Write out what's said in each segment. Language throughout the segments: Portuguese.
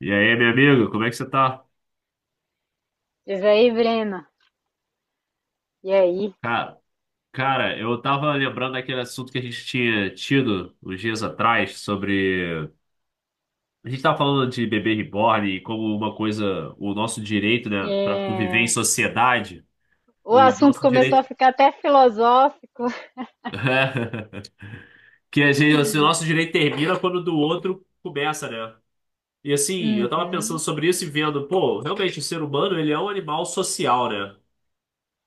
E aí, meu amigo, como é que você tá? Diz aí, Breno. E aí? Cara, cara, eu tava lembrando daquele assunto que a gente tinha tido uns dias atrás sobre. A gente tava falando de bebê reborn e como uma coisa, o nosso direito, né, pra conviver em É. sociedade, O o assunto nosso começou a direito. ficar até filosófico. Que a gente, assim, o nosso direito termina quando o do outro começa, né? E assim, eu tava pensando Uhum. sobre isso e vendo, pô, realmente o ser humano, ele é um animal social, né?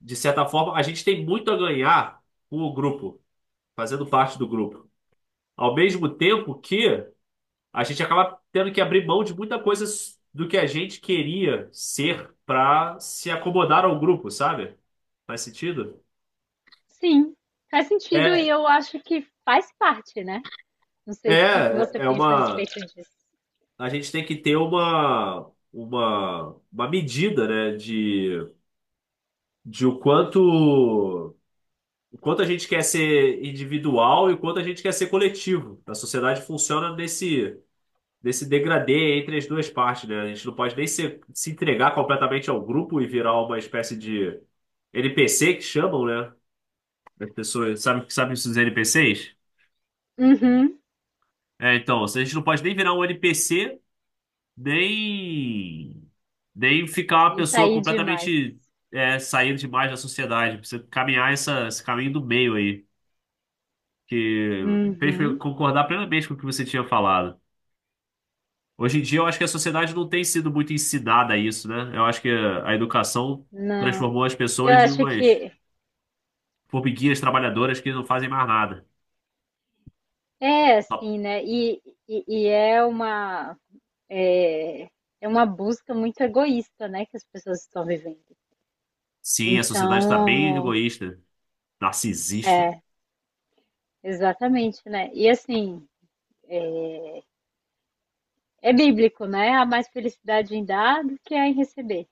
De certa forma, a gente tem muito a ganhar com o grupo, fazendo parte do grupo. Ao mesmo tempo que a gente acaba tendo que abrir mão de muita coisa do que a gente queria ser para se acomodar ao grupo, sabe? Faz sentido? Sim, faz sentido e É, eu acho que faz parte, né? Não sei se o que é, você é pensa a uma. respeito disso. A gente tem que ter uma medida, né, de o quanto a gente quer ser individual e o quanto a gente quer ser coletivo. A sociedade funciona desse degradê entre as duas partes, né? A gente não pode nem se entregar completamente ao grupo e virar uma espécie de NPC que chamam, né? As pessoas, sabe esses NPCs? Uhum. É, então, a gente não pode nem virar um NPC, nem, nem ficar uma Isso pessoa aí demais. completamente saindo demais da sociedade. Precisa caminhar esse caminho do meio aí, que fez eu Uhum. concordar plenamente com o que você tinha falado. Hoje em dia, eu acho que a sociedade não tem sido muito ensinada a isso, né? Eu acho que a educação Não. transformou as Eu pessoas em acho umas que formiguinhas trabalhadoras que não fazem mais nada. é assim, né? E é uma é, é uma busca muito egoísta, né, que as pessoas estão vivendo. Sim, a sociedade está bem Então, egoísta, narcisista. é. Exatamente, né. E assim, é bíblico, né, há mais felicidade em dar do que há em receber.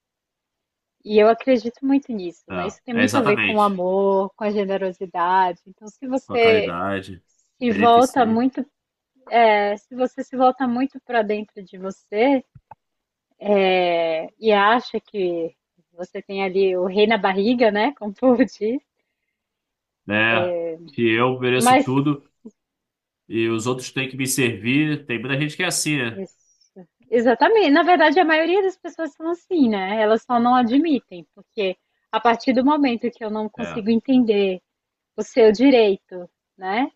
E eu acredito muito nisso, né, É, isso tem é muito a ver com o exatamente. amor, com a generosidade, então se Com a você caridade, se volta beneficência, muito, se você se volta muito para dentro de você, e acha que você tem ali o rei na barriga, né, como o povo diz, né? Que eu mereço mas... tudo e os outros têm que me servir. Tem muita gente que é assim, né? Isso. Exatamente. Na verdade, a maioria das pessoas são assim, né? Elas só não admitem, porque a partir do momento que eu não É. consigo entender o seu direito, né?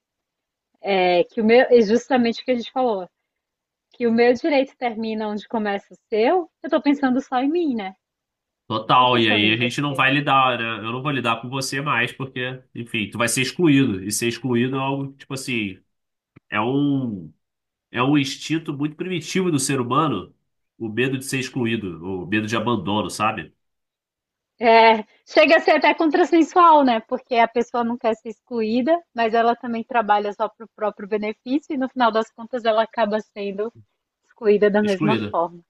É que o meu, é justamente o que a gente falou, que o meu direito termina onde começa o seu, eu tô pensando só em mim, né? Não tô Total, e pensando aí em a gente não você. vai lidar, né? Eu não vou lidar com você mais, porque, enfim, tu vai ser excluído. E ser excluído é algo, tipo assim, é um, é um instinto muito primitivo do ser humano, o medo de ser excluído, o medo de abandono, sabe? É, chega a ser até contrassensual, né? Porque a pessoa não quer ser excluída, mas ela também trabalha só pro próprio benefício e no final das contas ela acaba sendo excluída da mesma Excluído. forma.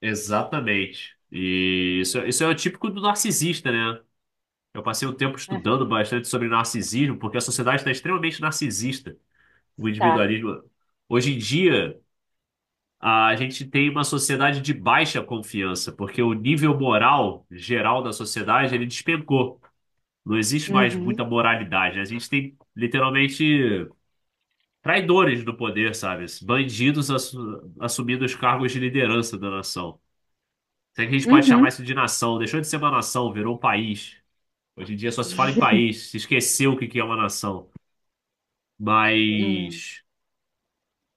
Exatamente. E isso é o típico do narcisista, né? Eu passei um tempo Né? estudando bastante sobre narcisismo, porque a sociedade está extremamente narcisista. O Tá. individualismo. Hoje em dia, a gente tem uma sociedade de baixa confiança, porque o nível moral geral da sociedade ele despencou. Não existe mais Uhum. muita moralidade. A gente tem literalmente traidores no poder, sabe? Assumindo os cargos de liderança da nação. Será que a gente pode chamar Uhum. isso de nação? Deixou de ser uma nação, virou um país. Hoje em dia só se fala em país, se esqueceu o que que é uma nação. Hum. Mas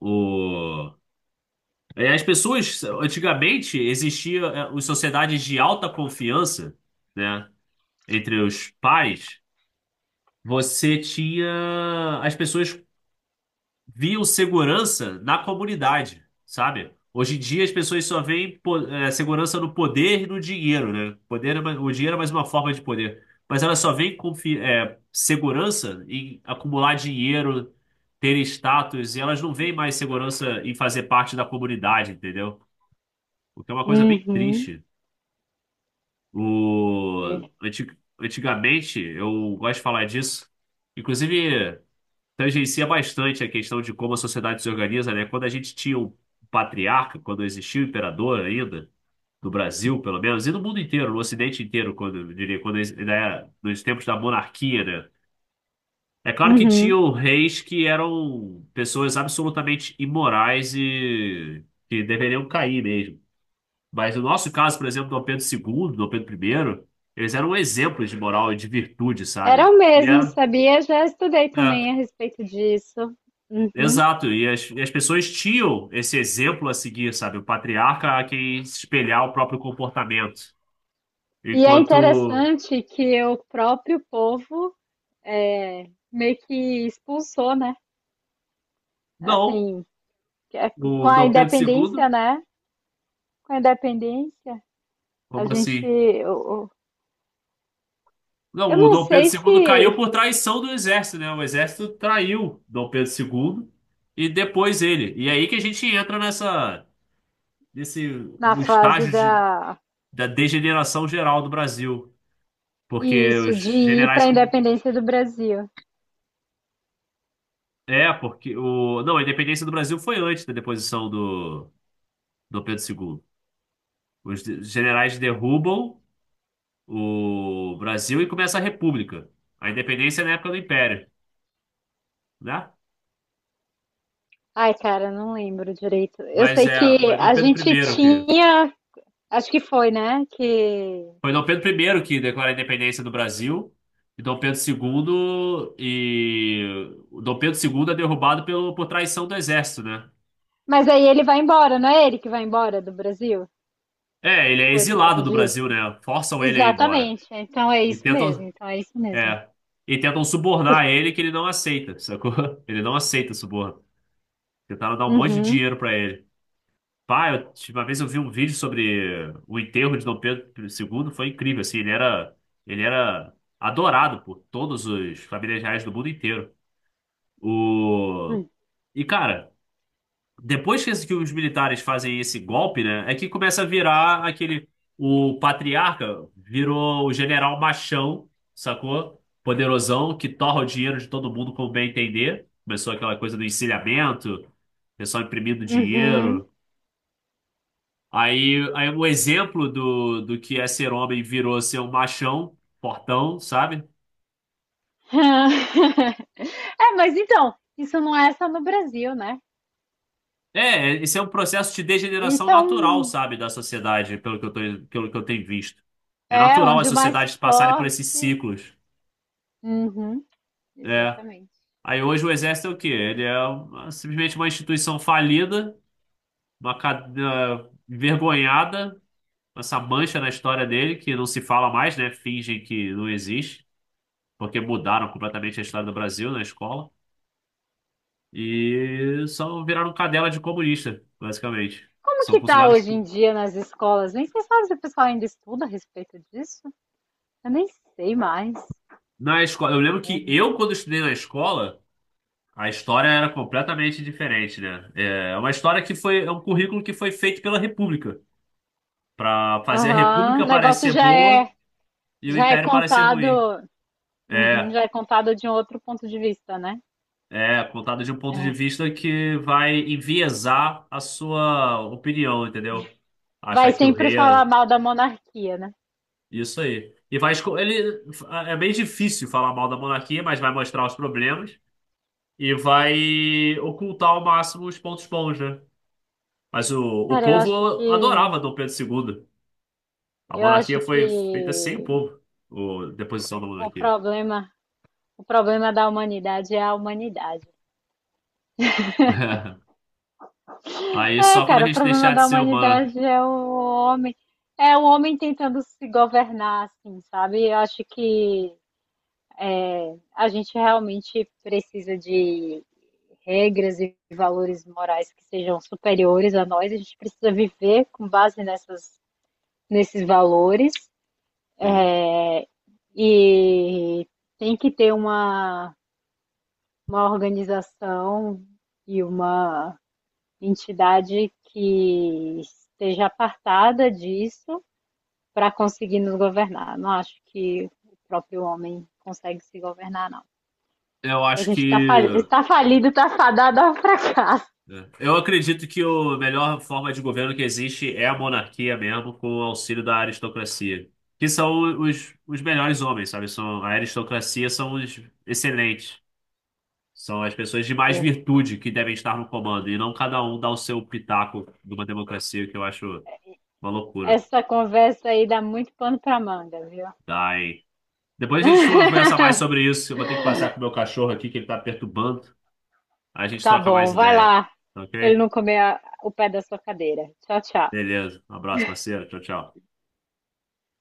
o as pessoas, antigamente, existia as sociedades de alta confiança, né? Entre os pais, você tinha. As pessoas viam segurança na comunidade, sabe? Hoje em dia, as pessoas só segurança no poder e no dinheiro, né? Poder, o dinheiro é mais uma forma de poder. Mas elas só segurança em acumular dinheiro, ter status, e elas não veem mais segurança em fazer parte da comunidade, entendeu? O que é uma coisa bem Uhum. triste. O... É. anti- Antigamente, eu gosto de falar disso. Inclusive, tangencia bastante a questão de como a sociedade se organiza, né? Quando a gente tinha o patriarca, quando existia o imperador ainda, do Brasil, pelo menos, e do mundo inteiro, no Ocidente inteiro, quando, eu diria, quando, ex- ainda nos tempos da monarquia, né? É claro que Uhum. tinham reis que eram pessoas absolutamente imorais e que deveriam cair mesmo. Mas no nosso caso, por exemplo, Dom Pedro II, Dom Pedro I, eles eram exemplos de moral e de virtude, sabe? Era o mesmo, sabia? Já estudei também a é, respeito disso. Uhum. exato. E as pessoas tinham esse exemplo a seguir, sabe? O patriarca a quem se espelhar o próprio comportamento. E é Enquanto, interessante que o próprio povo meio que expulsou, né? não, Assim, com o a Dom Pedro independência, II, né? Com a independência, a como gente... assim? Eu Não, o não Dom Pedro sei II caiu se por traição do exército, né? O exército traiu Dom Pedro II e depois ele. E é aí que a gente entra nesse, na no fase estágio de da. da degeneração geral do Brasil, porque Isso, os de ir generais para a com- independência do Brasil. é, porque o não, a independência do Brasil foi antes da deposição do Pedro II. Generais derrubam o Brasil e começa a República. A independência é na época do Império, né? Ai, cara, não lembro direito. Eu Mas sei é, que foi Dom a Pedro gente I que tinha, acho que foi, né? Que... foi Dom Pedro I que declara a independência do Brasil. E Dom Pedro II e o Dom Pedro II é derrubado pelo, por traição do exército, né? Mas aí ele vai embora, não é ele que vai embora do Brasil É, ele é depois por exilado causa do Brasil, disso? né? Forçam ele a ir embora. Exatamente. Então é E isso mesmo. tentam, Então é isso mesmo. é, e tentam subornar ele que ele não aceita, sacou? Ele não aceita suborno. Tentaram dar um monte de Uhum. dinheiro pra ele. Pá, eu, tipo, uma vez eu vi um vídeo sobre o enterro de Dom Pedro II, foi incrível, assim, ele era adorado por todos os familiares reais do mundo inteiro. O... E, cara, depois que os militares fazem esse golpe, né, é que começa a virar aquele. O patriarca virou o general machão, sacou? Poderosão, que torra o dinheiro de todo mundo como bem entender. Começou aquela coisa do encilhamento, pessoal imprimindo Uhum. dinheiro. Aí, um exemplo do que é ser homem virou ser um machão, portão, sabe? É, mas então, isso não é só no Brasil, né? É, esse é um processo de degeneração Isso é natural, um, sabe, da sociedade, pelo que eu tenho visto. É é natural as onde o mais sociedades passarem por esses forte. ciclos. Uhum. É. Exatamente. Aí hoje o exército é o quê? Ele é simplesmente uma instituição falida, envergonhada, essa mancha na história dele, que não se fala mais, né? Fingem que não existe, porque mudaram completamente a história do Brasil na escola. E só viraram cadela de comunista, basicamente. Como São que tá funcionários. hoje em dia nas escolas? Nem sei sabe se o pessoal ainda estuda a respeito disso. Eu nem sei mais. Na escola, eu lembro que Uhum. eu, quando estudei na escola, a história era completamente diferente, né? É uma história que foi, é um currículo que foi feito pela República, para fazer a Aham. República O negócio parecer boa e o já é Império parecer ruim. contado, uhum, É, já é contado de um outro ponto de vista, né? Contado de um ponto de É. vista que vai enviesar a sua opinião, entendeu? Vai Achar que o sempre rei falar era mal da monarquia, né? isso aí. E vai, é bem difícil falar mal da monarquia, mas vai mostrar os problemas e vai ocultar ao máximo os pontos bons, né? Mas o Cara, povo adorava Dom Pedro II. A eu monarquia acho que foi feita sem o povo, o deposição da o monarquia. problema, o problema da humanidade é a humanidade. Aí É, só quando a cara, o gente problema deixar de da ser humano. humanidade é o homem tentando se governar, assim, sabe? Eu acho que a gente realmente precisa de regras e valores morais que sejam superiores a nós. A gente precisa viver com base nessas, nesses valores E é, e tem que ter uma organização e uma entidade que esteja apartada disso para conseguir nos governar. Não acho que o próprio homem consegue se governar, não. Eu A acho gente está falido, que. está falido, está fadado ao fracasso. Eu acredito que a melhor forma de governo que existe é a monarquia mesmo, com o auxílio da aristocracia. Que são os melhores homens, sabe? São, a aristocracia são os excelentes. São as pessoas de mais É. virtude que devem estar no comando, e não cada um dar o seu pitaco numa democracia, que eu acho. Uma loucura. Essa conversa aí dá muito pano para manga, viu? Dai Depois a gente conversa mais sobre isso. Eu vou ter que passar com o meu cachorro aqui, que ele tá perturbando. Aí a gente Tá troca mais bom, vai ideia. lá, Tá para ele ok? não comer o pé da sua cadeira. Tchau, tchau. Beleza. Um abraço, parceiro. Tchau, tchau.